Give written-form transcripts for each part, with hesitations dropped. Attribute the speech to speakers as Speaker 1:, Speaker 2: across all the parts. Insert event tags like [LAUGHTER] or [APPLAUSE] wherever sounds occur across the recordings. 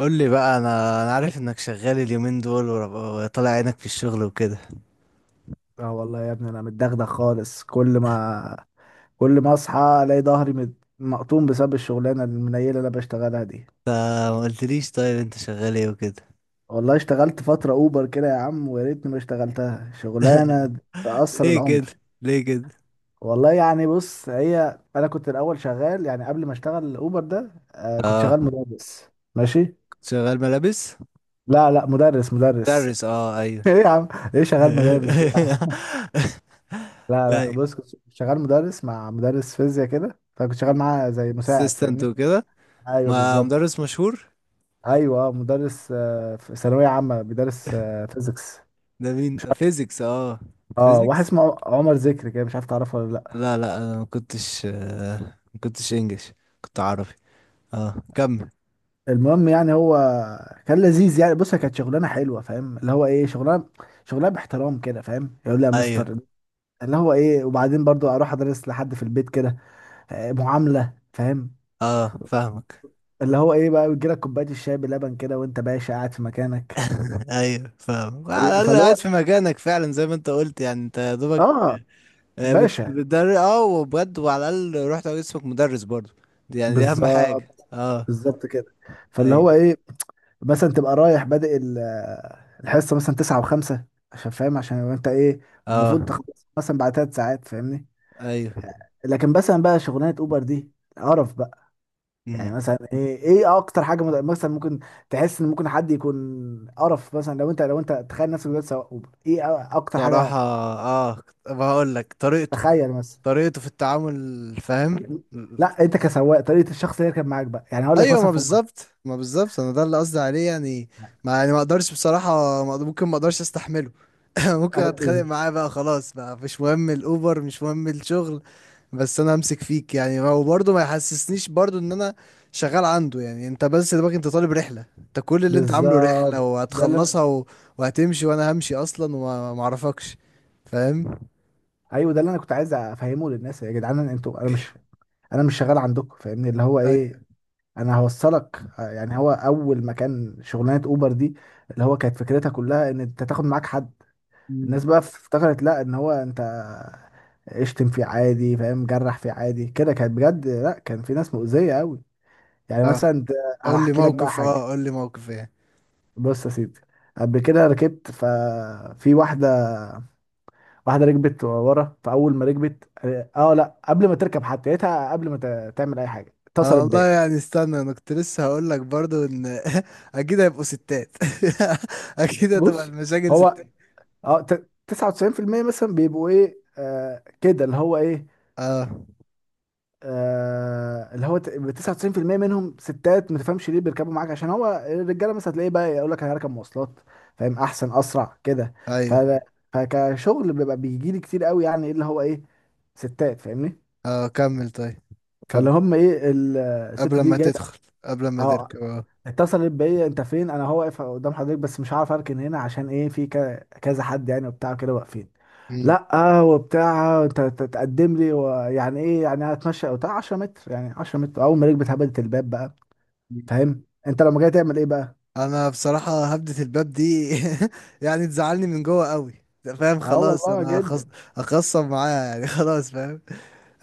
Speaker 1: قول لي بقى انا عارف انك شغال اليومين دول وطالع عينك في الشغل وكده.
Speaker 2: اه، والله يا ابني، انا متدغدغ خالص. كل ما اصحى الاقي ظهري مقطوم بسبب الشغلانه المنيله اللي انا بشتغلها دي.
Speaker 1: انت ما قلتليش، طيب انت شغال ايه وكده؟
Speaker 2: والله اشتغلت فتره اوبر كده يا عم، ويا ريتني ما اشتغلتها. شغلانه
Speaker 1: [LAUGHS]
Speaker 2: تأثر
Speaker 1: ليه
Speaker 2: العمر.
Speaker 1: كده؟ ليه كده؟
Speaker 2: والله يعني بص، هي انا كنت الاول شغال، يعني قبل ما اشتغل اوبر ده، كنت
Speaker 1: اه
Speaker 2: شغال مدرس. ماشي.
Speaker 1: كنت شغال ملابس؟
Speaker 2: لا، لا، مدرس، مدرس.
Speaker 1: مدرس، اه ايوه.
Speaker 2: [LAUGHS] ايه يا عم؟ ايه شغال مدارس ده يا
Speaker 1: [LAUGHS]
Speaker 2: عم؟ لا، لا،
Speaker 1: طيب.
Speaker 2: بص، كنت شغال مدرس مع مدرس فيزياء كده، فكنت شغال معاه زي مساعد،
Speaker 1: اسيستنت
Speaker 2: فاهمني.
Speaker 1: وكده.
Speaker 2: ايوه،
Speaker 1: ما
Speaker 2: بالظبط.
Speaker 1: مدرس مشهور.
Speaker 2: ايوه، مدرس، في ثانويه عامه بيدرس فيزيكس.
Speaker 1: ده مين؟ فيزيكس، اه.
Speaker 2: اه، واحد
Speaker 1: فيزيكس،
Speaker 2: اسمه عمر ذكري كده، مش عارف تعرفه ولا لا.
Speaker 1: لا لا انا ما كنتش، ما كنتش انجلش، كنت عربي. اه كمل.
Speaker 2: المهم يعني، هو كان لذيذ، يعني بص، هي كانت شغلانه حلوه، فاهم اللي هو ايه، شغلانه، شغلانه باحترام كده، فاهم، يقول لي يا مستر.
Speaker 1: ايوه.
Speaker 2: اللي هو ايه، وبعدين برضو اروح ادرس لحد في البيت كده، معامله، فاهم.
Speaker 1: اه فاهمك.
Speaker 2: اللي هو ايه بقى، بيجي لك كوبايه الشاي بلبن كده وانت باشا قاعد في مكانك.
Speaker 1: [LAUGHS] ايوه فاهم، على الاقل
Speaker 2: فاللي
Speaker 1: قاعد
Speaker 2: هو،
Speaker 1: في مكانك فعلا زي ما انت قلت، يعني انت يا دوبك
Speaker 2: اه، باشا،
Speaker 1: بتدرس اه وبجد، وعلى الاقل رحت اسمك مدرس برضو. دي يعني دي اهم حاجه،
Speaker 2: بالظبط،
Speaker 1: اه.
Speaker 2: بالظبط كده. فاللي
Speaker 1: ايوه.
Speaker 2: هو ايه، مثلا تبقى رايح بادئ الحصه مثلا تسعة وخمسة، عشان فاهم، عشان لو انت ايه،
Speaker 1: اه،
Speaker 2: المفروض تخلص مثلا بعد 3 ساعات، فاهمني.
Speaker 1: ايوه.
Speaker 2: لكن مثلا بقى، شغلانه اوبر دي قرف بقى. يعني
Speaker 1: امم.
Speaker 2: مثلا، ايه اكتر حاجه مثلا ممكن تحس ان ممكن حد يكون قرف، مثلا لو انت تخيل نفسك دلوقتي سواق اوبر، ايه اكتر
Speaker 1: صراحه
Speaker 2: حاجه،
Speaker 1: اه، بقول لك طريقته.
Speaker 2: تخيل مثلا.
Speaker 1: طريقته في التعامل، فاهم.
Speaker 2: لا انت كسواق، طريقه الشخص اللي يركب معاك بقى، يعني هقول لك
Speaker 1: ايوه، ما
Speaker 2: مثلا في مره.
Speaker 1: بالظبط، ما بالظبط، انا ده اللي قصدي عليه يعني. ما يعني ما اقدرش بصراحه، ممكن ما اقدرش استحمله. [LAUGHS] ممكن
Speaker 2: أنا
Speaker 1: اتخانق
Speaker 2: بز-
Speaker 1: معاه بقى، خلاص بقى مش مهم الاوبر، مش مهم الشغل. بس انا همسك فيك يعني، هو برضه ما يحسسنيش برضه ان انا شغال عنده. يعني انت بس دماغك انت طالب رحله، انت كل اللي انت عامله رحله
Speaker 2: بالظبط.
Speaker 1: وهتخلصها و... وهتمشي وانا همشي اصلا، وما ما اعرفكش، فاهم.
Speaker 2: ايوه ده اللي انا كنت عايز افهمه للناس، يا جدعان انتوا، انا مش شغال عندكم، فاهمني اللي هو
Speaker 1: أي...
Speaker 2: ايه. انا هوصلك. يعني هو اول ما كان شغلانه اوبر دي، اللي هو كانت فكرتها كلها ان انت تاخد معاك حد.
Speaker 1: مم.
Speaker 2: الناس بقى افتكرت، لا ان هو انت اشتم فيه عادي فاهم، جرح فيه عادي كده، كانت بجد لا، كان في ناس مؤذيه قوي. يعني
Speaker 1: اه
Speaker 2: مثلا
Speaker 1: قول لي
Speaker 2: هحكي لك بقى
Speaker 1: موقف،
Speaker 2: حاجه.
Speaker 1: اه قول لي موقف ايه.
Speaker 2: بص يا سيدي، قبل كده ركبت ففي واحده. واحده ركبت ورا، فاول ما ركبت، اه لا، قبل ما تركب حتى، لقيتها قبل ما تعمل اي حاجه
Speaker 1: انا
Speaker 2: اتصلت
Speaker 1: والله
Speaker 2: بيا.
Speaker 1: يعني استنى، انا كنت لسه هقول لك برضه ان [LAUGHS] اكيد هيبقوا ستات. [LAUGHS] اكيد هتبقى
Speaker 2: بص
Speaker 1: المشاكل
Speaker 2: هو،
Speaker 1: ستات.
Speaker 2: 99% مثلا بيبقوا ايه، كده اللي هو ايه،
Speaker 1: اه،
Speaker 2: اللي هو 99% منهم ستات، ما تفهمش ليه بيركبوا معاك، عشان هو الرجاله مثلا هتلاقيه بقى يقول لك انا هركب مواصلات، فاهم، احسن، اسرع كده. ف
Speaker 1: ايوه.
Speaker 2: فكشغل بيبقى بيجي لي كتير قوي، يعني ايه اللي هو ايه، ستات، فاهمني.
Speaker 1: اه كمل طيب.
Speaker 2: فاللي
Speaker 1: كمل.
Speaker 2: هم ايه،
Speaker 1: قبل
Speaker 2: الست دي
Speaker 1: ما
Speaker 2: جت.
Speaker 1: تدخل، قبل ما
Speaker 2: اه،
Speaker 1: تركب، اه.
Speaker 2: اتصلت بيا، انت فين؟ انا هو واقف قدام حضرتك بس مش عارف اركن هنا، عشان ايه، في كذا حد يعني وبتاع كده واقفين.
Speaker 1: مم.
Speaker 2: لا وبتاع انت تقدم لي، ويعني ايه، يعني هتمشى او بتاع 10 متر، يعني 10 متر، اول ما رجلي اتهبدت الباب بقى، فاهم انت لما جاي تعمل ايه بقى؟
Speaker 1: انا بصراحة هبدة الباب دي. [LAUGHS] يعني تزعلني من جوه قوي ده، فاهم؟
Speaker 2: اه
Speaker 1: خلاص
Speaker 2: والله
Speaker 1: انا هخص...
Speaker 2: جدا.
Speaker 1: هخصم معاها يعني. [LAUGHS] خلاص فاهم.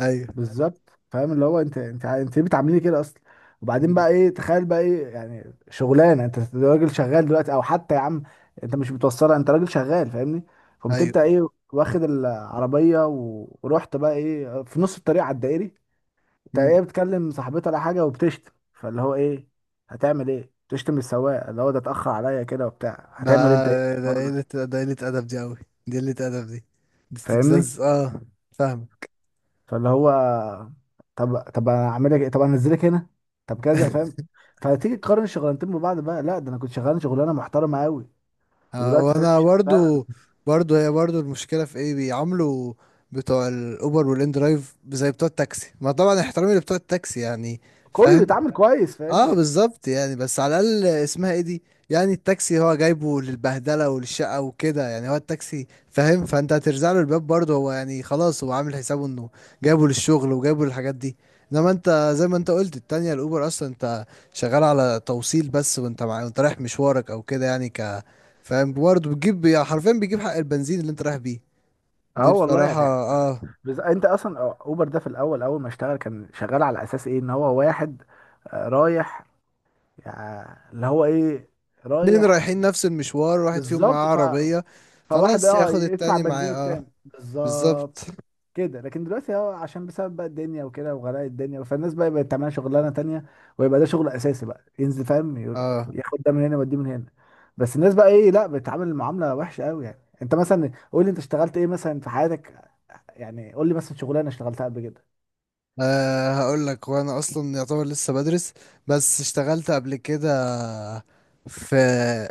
Speaker 1: ايوه.
Speaker 2: بالظبط. فاهم اللي هو انت ليه بتعامليني كده اصلا؟ وبعدين
Speaker 1: مم.
Speaker 2: بقى ايه، تخيل بقى ايه، يعني شغلانه، انت راجل شغال دلوقتي، او حتى يا عم انت مش متوصله، انت راجل شغال، فاهمني. قمت انت
Speaker 1: ايوه.
Speaker 2: ايه، واخد العربيه ورحت بقى ايه في نص الطريق على الدائري، انت
Speaker 1: مم.
Speaker 2: ايه، بتكلم صاحبتها ولا حاجه وبتشتم، فاللي هو ايه، هتعمل ايه، بتشتم السواق اللي هو ده اتاخر عليا كده وبتاع،
Speaker 1: ده،
Speaker 2: هتعمل انت ايه في
Speaker 1: ده
Speaker 2: الموضوع ده؟
Speaker 1: قلة ده قلة ادب دي قوي. دي قلة ادب دي. دي
Speaker 2: فاهمني.
Speaker 1: استفزاز، اه. فاهم.
Speaker 2: فاللي هو طب، طب، انا اعمل لك إيه؟ طب انا انزلك هنا، طب كذا، فاهم.
Speaker 1: [LAUGHS]
Speaker 2: فتيجي تقارن الشغلانتين ببعض بقى، لا ده انا كنت شغال شغلانه محترمه قوي، ودلوقتي فاهم
Speaker 1: وانا
Speaker 2: شغال،
Speaker 1: برضو. برضو، هي برضو المشكله في ايه؟ بيعاملوا بتوع الاوبر والان درايف زي بتوع التاكسي. ما طبعا احترامي لبتوع التاكسي يعني.
Speaker 2: كله
Speaker 1: فاهم.
Speaker 2: يتعامل كويس،
Speaker 1: اه
Speaker 2: فاهمني.
Speaker 1: بالظبط، يعني بس على الاقل اسمها ايه دي. يعني التاكسي هو جايبه للبهدله وللشقه وكده، يعني هو التاكسي، فاهم؟ فانت هترزع له الباب برضه، هو يعني خلاص هو عامل حسابه انه جايبه للشغل وجايبه للحاجات دي. انما انت زي ما انت قلت التانية، الاوبر اصلا انت شغال على توصيل بس، وانت مع... وانت رايح مشوارك او كده يعني ك، فاهم؟ برضه بتجيب يعني حرفيا بيجيب حق البنزين اللي انت رايح بيه.
Speaker 2: اه
Speaker 1: دي
Speaker 2: والله
Speaker 1: بصراحه،
Speaker 2: يعني،
Speaker 1: اه.
Speaker 2: انت اصلا اوبر ده في الاول، اول ما اشتغل كان شغال على اساس ايه، ان هو واحد رايح، يعني اللي هو ايه،
Speaker 1: اتنين
Speaker 2: رايح.
Speaker 1: رايحين نفس المشوار، واحد فيهم معاه
Speaker 2: بالظبط.
Speaker 1: عربيه،
Speaker 2: فواحد
Speaker 1: خلاص ياخد
Speaker 2: يدفع
Speaker 1: التاني معاه،
Speaker 2: بنزين
Speaker 1: اه
Speaker 2: التاني. بالظبط
Speaker 1: بالظبط.
Speaker 2: كده. لكن دلوقتي هو عشان بسبب بقى الدنيا وكده وغلاء الدنيا، فالناس بقى بقت تعمل شغلانه تانية، ويبقى ده شغل اساسي بقى ينزل فاهم،
Speaker 1: اه.
Speaker 2: ياخد ده من هنا ويوديه من هنا. بس الناس بقى ايه لا، بتتعامل معامله وحشه قوي، يعني انت مثلا قول لي، انت اشتغلت ايه مثلا في حياتك، يعني قول لي مثلا شغلانه اشتغلتها قبل كده.
Speaker 1: آه هقول لك، وانا اصلا يعتبر لسه بدرس، بس اشتغلت قبل كده في،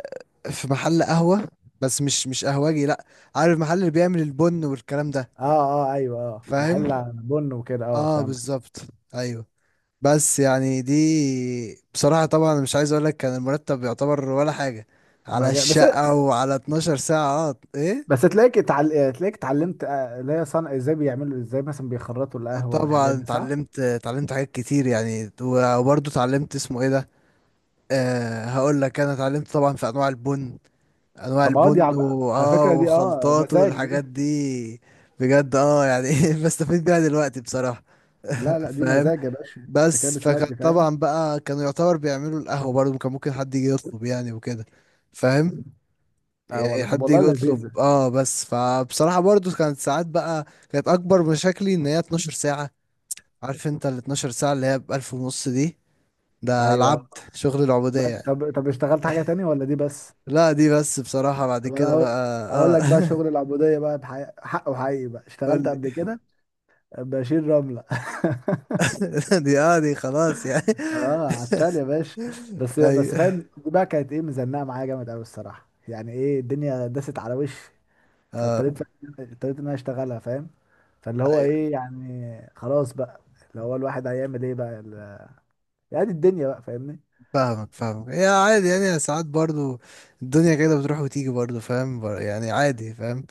Speaker 1: في محل قهوة. بس مش، مش قهوجي، لا. عارف المحل اللي بيعمل البن والكلام ده؟
Speaker 2: اه، اه، ايوه، اه،
Speaker 1: فاهم.
Speaker 2: محل بن وكده، اه،
Speaker 1: اه،
Speaker 2: فاهمك.
Speaker 1: بالظبط. ايوه. بس يعني دي بصراحة، طبعا مش عايز اقول لك، كان المرتب يعتبر ولا حاجة، على
Speaker 2: مجال بس.
Speaker 1: الشقة وعلى 12 ساعة، اه ايه.
Speaker 2: تلاقيك اتعلمت، اللي هي صنع ازاي، بيعملوا ازاي مثلا بيخرطوا القهوه والحاجات
Speaker 1: طبعا
Speaker 2: دي، صح؟
Speaker 1: اتعلمت، اتعلمت حاجات كتير يعني، وبرضه اتعلمت اسمه ايه ده. أه هقول لك، انا اتعلمت طبعا في انواع البن. انواع
Speaker 2: طب اه دي
Speaker 1: البن
Speaker 2: على,
Speaker 1: و...
Speaker 2: على
Speaker 1: اه،
Speaker 2: فكره، دي اه
Speaker 1: وخلطات
Speaker 2: مزاج
Speaker 1: والحاجات
Speaker 2: دي.
Speaker 1: دي، بجد، اه. يعني [LAUGHS] بستفيد بيها دلوقتي بصراحة.
Speaker 2: لا، لا، دي
Speaker 1: فاهم.
Speaker 2: مزاج يا باشا، انت كده
Speaker 1: بس
Speaker 2: بتودي،
Speaker 1: فكان
Speaker 2: فاهم.
Speaker 1: طبعا بقى، كانوا يعتبر بيعملوا القهوة برضه، كان ممكن حد يجي يطلب يعني وكده، فاهم.
Speaker 2: اه
Speaker 1: يعني
Speaker 2: والله. طب
Speaker 1: حد
Speaker 2: والله
Speaker 1: يجي
Speaker 2: لذيذة.
Speaker 1: يطلب، اه. بس فبصراحة برضه كانت ساعات بقى، كانت اكبر مشاكلي ان هي 12 ساعة. عارف انت ال 12 ساعة اللي هي ب 1000 ونص دي؟ ده
Speaker 2: ايوه،
Speaker 1: العبد، شغل العبودية.
Speaker 2: طب، طب، اشتغلت حاجة تانية ولا دي بس؟
Speaker 1: لا دي بس بصراحة، بعد
Speaker 2: طب انا
Speaker 1: كده
Speaker 2: هقول
Speaker 1: بقى،
Speaker 2: هقول لك بقى،
Speaker 1: اه.
Speaker 2: شغل
Speaker 1: [LAUGHS]
Speaker 2: العبودية بقى بحق حق وحقيقي بقى،
Speaker 1: قول
Speaker 2: اشتغلت
Speaker 1: لي.
Speaker 2: قبل
Speaker 1: [LAUGHS]
Speaker 2: كده، بشيل رملة.
Speaker 1: دي، اه، دي خلاص يعني.
Speaker 2: [LAUGHS] اه، عتال يا باشا.
Speaker 1: [LAUGHS]
Speaker 2: بس
Speaker 1: اي،
Speaker 2: بس فاهم، دي بقى كانت ايه، مزنقة معايا جامد قوي الصراحة، يعني ايه، الدنيا داست على وشي.
Speaker 1: اه،
Speaker 2: فاضطريت، اضطريت ان انا اشتغلها، فاهم. فاللي هو
Speaker 1: اي.
Speaker 2: ايه، يعني خلاص بقى، اللي هو الواحد هيعمل ايه بقى يعني، دي الدنيا بقى، فاهمني.
Speaker 1: فاهمك، فاهمك، هي عادي يعني ساعات برضو، الدنيا كده بتروح وتيجي برضو، فاهم. يعني عادي، فاهم.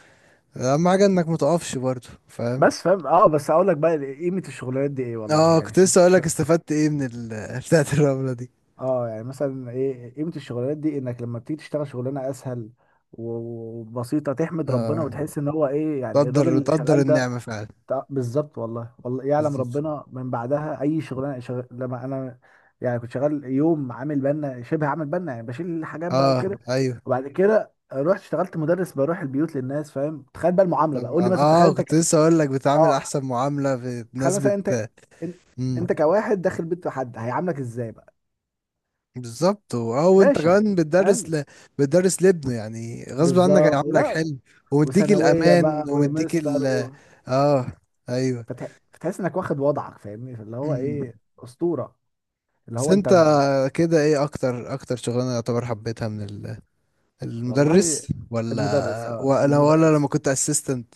Speaker 1: اهم حاجة انك متقفش برضو، فاهم.
Speaker 2: بس فاهم. اه، بس اقول لك بقى قيمه الشغلانات دي ايه والله،
Speaker 1: اه،
Speaker 2: يعني
Speaker 1: كنت
Speaker 2: شوف
Speaker 1: لسه اقول لك استفدت ايه من ال... [LAUGHS] بتاعت الرملة دي.
Speaker 2: اه يعني مثلا ايه قيمه الشغلانات دي، انك لما بتيجي تشتغل شغلانه اسهل وبسيطه، تحمد ربنا
Speaker 1: اه،
Speaker 2: وتحس ان هو ايه، يعني الراجل
Speaker 1: تقدر،
Speaker 2: اللي
Speaker 1: تقدر
Speaker 2: شغال ده.
Speaker 1: النعمة فعلا.
Speaker 2: بالظبط. والله والله يعلم
Speaker 1: بالظبط.
Speaker 2: ربنا، من بعدها اي شغلانه شغل لما انا، يعني كنت شغال يوم عامل بنا، شبه عامل بنا، يعني بشيل الحاجات بقى
Speaker 1: اه،
Speaker 2: وكده.
Speaker 1: ايوه.
Speaker 2: وبعد كده رحت اشتغلت مدرس بروح البيوت للناس، فاهم، تخيل بقى المعامله بقى، قول لي
Speaker 1: طبعا،
Speaker 2: مثلا، تخيل
Speaker 1: اه،
Speaker 2: انت
Speaker 1: كنت لسه اقول لك بتعامل
Speaker 2: اه
Speaker 1: احسن معامله، في
Speaker 2: تخيل
Speaker 1: ناس
Speaker 2: مثلا انت،
Speaker 1: بت،
Speaker 2: ان-
Speaker 1: مم.
Speaker 2: انت كواحد داخل بيت حد هيعاملك ازاي بقى؟
Speaker 1: بالظبط و... اه وانت
Speaker 2: باشا،
Speaker 1: كمان بتدرس
Speaker 2: فاهم.
Speaker 1: ل... بتدرس لابنه يعني، غصب عنك
Speaker 2: بالظبط
Speaker 1: هيعاملك
Speaker 2: لا.
Speaker 1: حلو، ومديك
Speaker 2: وثانويه بقى،
Speaker 1: الامان
Speaker 2: ويا
Speaker 1: ومديك
Speaker 2: مستر
Speaker 1: ال، اه. ايوه.
Speaker 2: فتحس انك واخد وضعك، فاهمني اللي هو
Speaker 1: مم.
Speaker 2: ايه، اسطوره، اللي
Speaker 1: بس
Speaker 2: هو انت
Speaker 1: انت كده ايه اكتر، اكتر شغلانه يعتبر حبيتها من ال،
Speaker 2: والله
Speaker 1: المدرس
Speaker 2: المدرس،
Speaker 1: ولا، ولا، ولا لما
Speaker 2: المدرس.
Speaker 1: كنت اسيستنت؟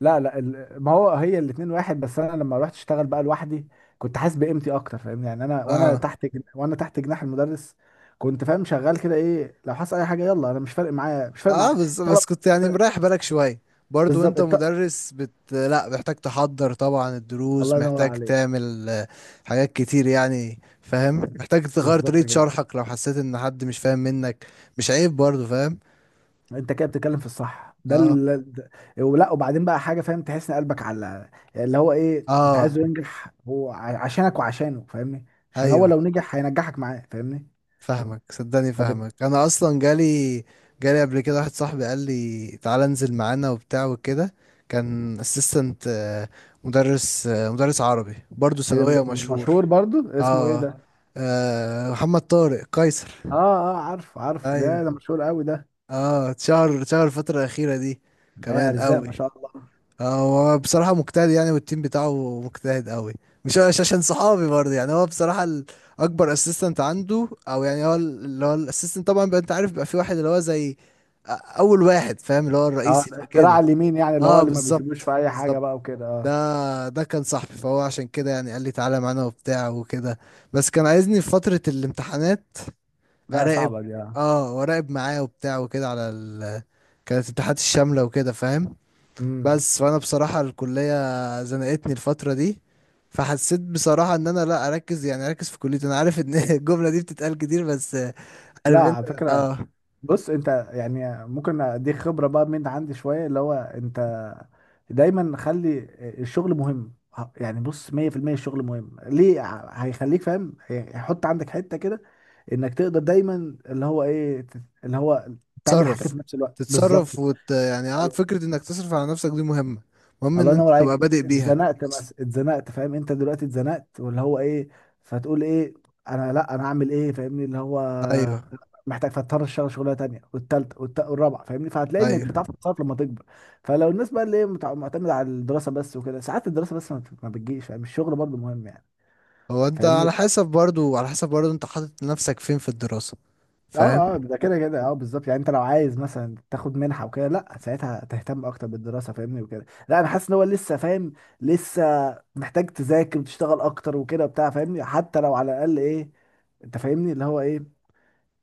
Speaker 2: لا، لا، ما هو هي الاتنين واحد، بس انا لما رحت اشتغل بقى لوحدي، كنت حاسس بقيمتي اكتر، فاهمني، يعني انا،
Speaker 1: اه،
Speaker 2: وانا تحت جناح المدرس، كنت فاهم شغال كده، ايه لو حصل اي حاجه، يلا، انا مش فارق معايا، مش فارق
Speaker 1: اه.
Speaker 2: معايا
Speaker 1: بس
Speaker 2: الطلبه.
Speaker 1: بس كنت يعني مريح بالك شوية برضو،
Speaker 2: بالظبط.
Speaker 1: انت
Speaker 2: انت
Speaker 1: مدرس بت لا، محتاج تحضر طبعا الدروس،
Speaker 2: الله ينور
Speaker 1: محتاج
Speaker 2: عليك.
Speaker 1: تعمل حاجات كتير يعني، فاهم. محتاج تغير
Speaker 2: بالظبط
Speaker 1: طريقة
Speaker 2: كده.
Speaker 1: شرحك لو حسيت ان حد مش فاهم منك، مش عيب برضو، فاهم.
Speaker 2: انت كده بتتكلم في الصح.
Speaker 1: اه.
Speaker 2: ولا وبعدين بقى حاجه فاهم، تحس ان قلبك على اللي هو ايه، انت
Speaker 1: اه.
Speaker 2: عايزه ينجح، هو عشانك وعشانه، فاهمني. عشان هو لو
Speaker 1: ايوه.
Speaker 2: نجح هينجحك معاه، فاهمني.
Speaker 1: فاهمك، صدقني
Speaker 2: فبت...
Speaker 1: فاهمك. انا اصلا جالي، جالي قبل كده واحد صاحبي قال لي تعالى انزل معانا وبتاع وكده، كان اسيستنت مدرس. مدرس عربي برضو،
Speaker 2: إيه
Speaker 1: ثانوية،
Speaker 2: ده،
Speaker 1: ومشهور.
Speaker 2: مشهور برضو؟ اسمه ايه
Speaker 1: اه.
Speaker 2: ده؟
Speaker 1: محمد طارق قيصر.
Speaker 2: اه، اه، عارف، عارف، ده ده
Speaker 1: ايوه.
Speaker 2: مشهور قوي ده.
Speaker 1: اه اتشهر، اتشهر الفترة الأخيرة دي كمان
Speaker 2: ارزاق
Speaker 1: قوي.
Speaker 2: ما شاء الله.
Speaker 1: اه، هو بصراحة مجتهد يعني، والتيم بتاعه مجتهد قوي. مش، مش عشان صحابي برضه يعني. هو بصراحة ال، أكبر اسيستنت عنده. أو يعني هو ال، اللي هو الاسيستنت طبعا بقى، أنت عارف بقى، في واحد اللي هو زي، أ، أول واحد، فاهم، اللي هو
Speaker 2: اه،
Speaker 1: الرئيسي
Speaker 2: ده الدراع
Speaker 1: كده.
Speaker 2: اليمين، يعني اللي هو
Speaker 1: اه
Speaker 2: اللي ما بيسيبوش
Speaker 1: بالظبط،
Speaker 2: في اي حاجه
Speaker 1: بالظبط.
Speaker 2: بقى وكده، اه.
Speaker 1: ده، ده كان صاحبي، فهو عشان كده يعني قال لي تعالى معانا وبتاع وكده. بس كان عايزني في فترة الامتحانات
Speaker 2: لا
Speaker 1: اراقب.
Speaker 2: صعبه دي، اه.
Speaker 1: اه واراقب معاه وبتاع وكده، على ال... كانت الامتحانات الشامله وكده، فاهم.
Speaker 2: امم.
Speaker 1: بس فانا بصراحه الكليه زنقتني الفتره دي، فحسيت بصراحه ان انا لا اركز، يعني اركز في كليتي. انا عارف ان [LAUGHS] الجمله دي بتتقال كتير، بس
Speaker 2: لا
Speaker 1: عارف انت،
Speaker 2: على فكره،
Speaker 1: اه.
Speaker 2: بص انت يعني ممكن اديك خبره بقى من عندي شويه، اللي هو انت، دايما خلي الشغل مهم، يعني بص 100% الشغل مهم، ليه هيخليك فاهم، هيحط عندك حته كده، انك تقدر دايما اللي هو ايه، اللي هو تعمل حاجتين
Speaker 1: تتصرف.
Speaker 2: في نفس الوقت.
Speaker 1: تتصرف
Speaker 2: بالظبط.
Speaker 1: وت... يعني اه، فكره انك تصرف على نفسك دي مهمه، مهم ان
Speaker 2: الله
Speaker 1: انت
Speaker 2: ينور
Speaker 1: تبقى
Speaker 2: عليك.
Speaker 1: بادئ بيها
Speaker 2: اتزنقت
Speaker 1: اصلا.
Speaker 2: بس، اتزنقت فاهم، انت دلوقتي اتزنقت، واللي هو ايه، فتقول ايه، انا لا انا اعمل ايه، فاهمني اللي هو،
Speaker 1: ايوه.
Speaker 2: محتاج فاضطر اشتغل شغلانه تانيه والتالتة والرابعه، فاهمني، فهتلاقي انك
Speaker 1: ايوه.
Speaker 2: بتعرف تتصرف لما تكبر. فلو الناس بقى اللي هي معتمده على الدراسه بس وكده، ساعات الدراسه بس ما بتجيش، فاهم الشغل برضه مهم يعني،
Speaker 1: هو انت
Speaker 2: فاهمني.
Speaker 1: على حسب برضو، على حسب برضو انت حاطط نفسك فين في الدراسه. فاهم.
Speaker 2: اه، اه، ده كده كده، اه بالظبط، يعني انت لو عايز مثلا تاخد منحه وكده، لا ساعتها تهتم اكتر بالدراسه فاهمني، وكده لا انا حاسس ان هو لسه فاهم، لسه محتاج تذاكر وتشتغل اكتر وكده بتاع، فاهمني، حتى لو على الاقل ايه، انت فاهمني اللي هو ايه،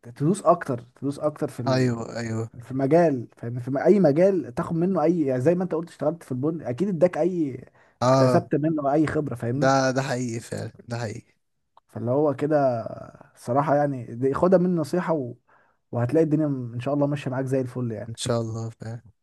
Speaker 2: تدوس اكتر، تدوس اكتر في
Speaker 1: ايوه. ايوه.
Speaker 2: في مجال، فاهمني، في اي مجال، تاخد منه اي يعني، زي ما انت قلت اشتغلت في البن، اكيد اداك اي،
Speaker 1: اه.
Speaker 2: اكتسبت منه اي خبره، فاهمني.
Speaker 1: ده، ده حقيقي فعلا، ده حقيقي.
Speaker 2: فاللي هو كده، الصراحة يعني دي خدها مني نصيحة وهتلاقي الدنيا إن شاء الله ماشية معاك زي الفل
Speaker 1: ان
Speaker 2: يعني.
Speaker 1: شاء الله، فعلا.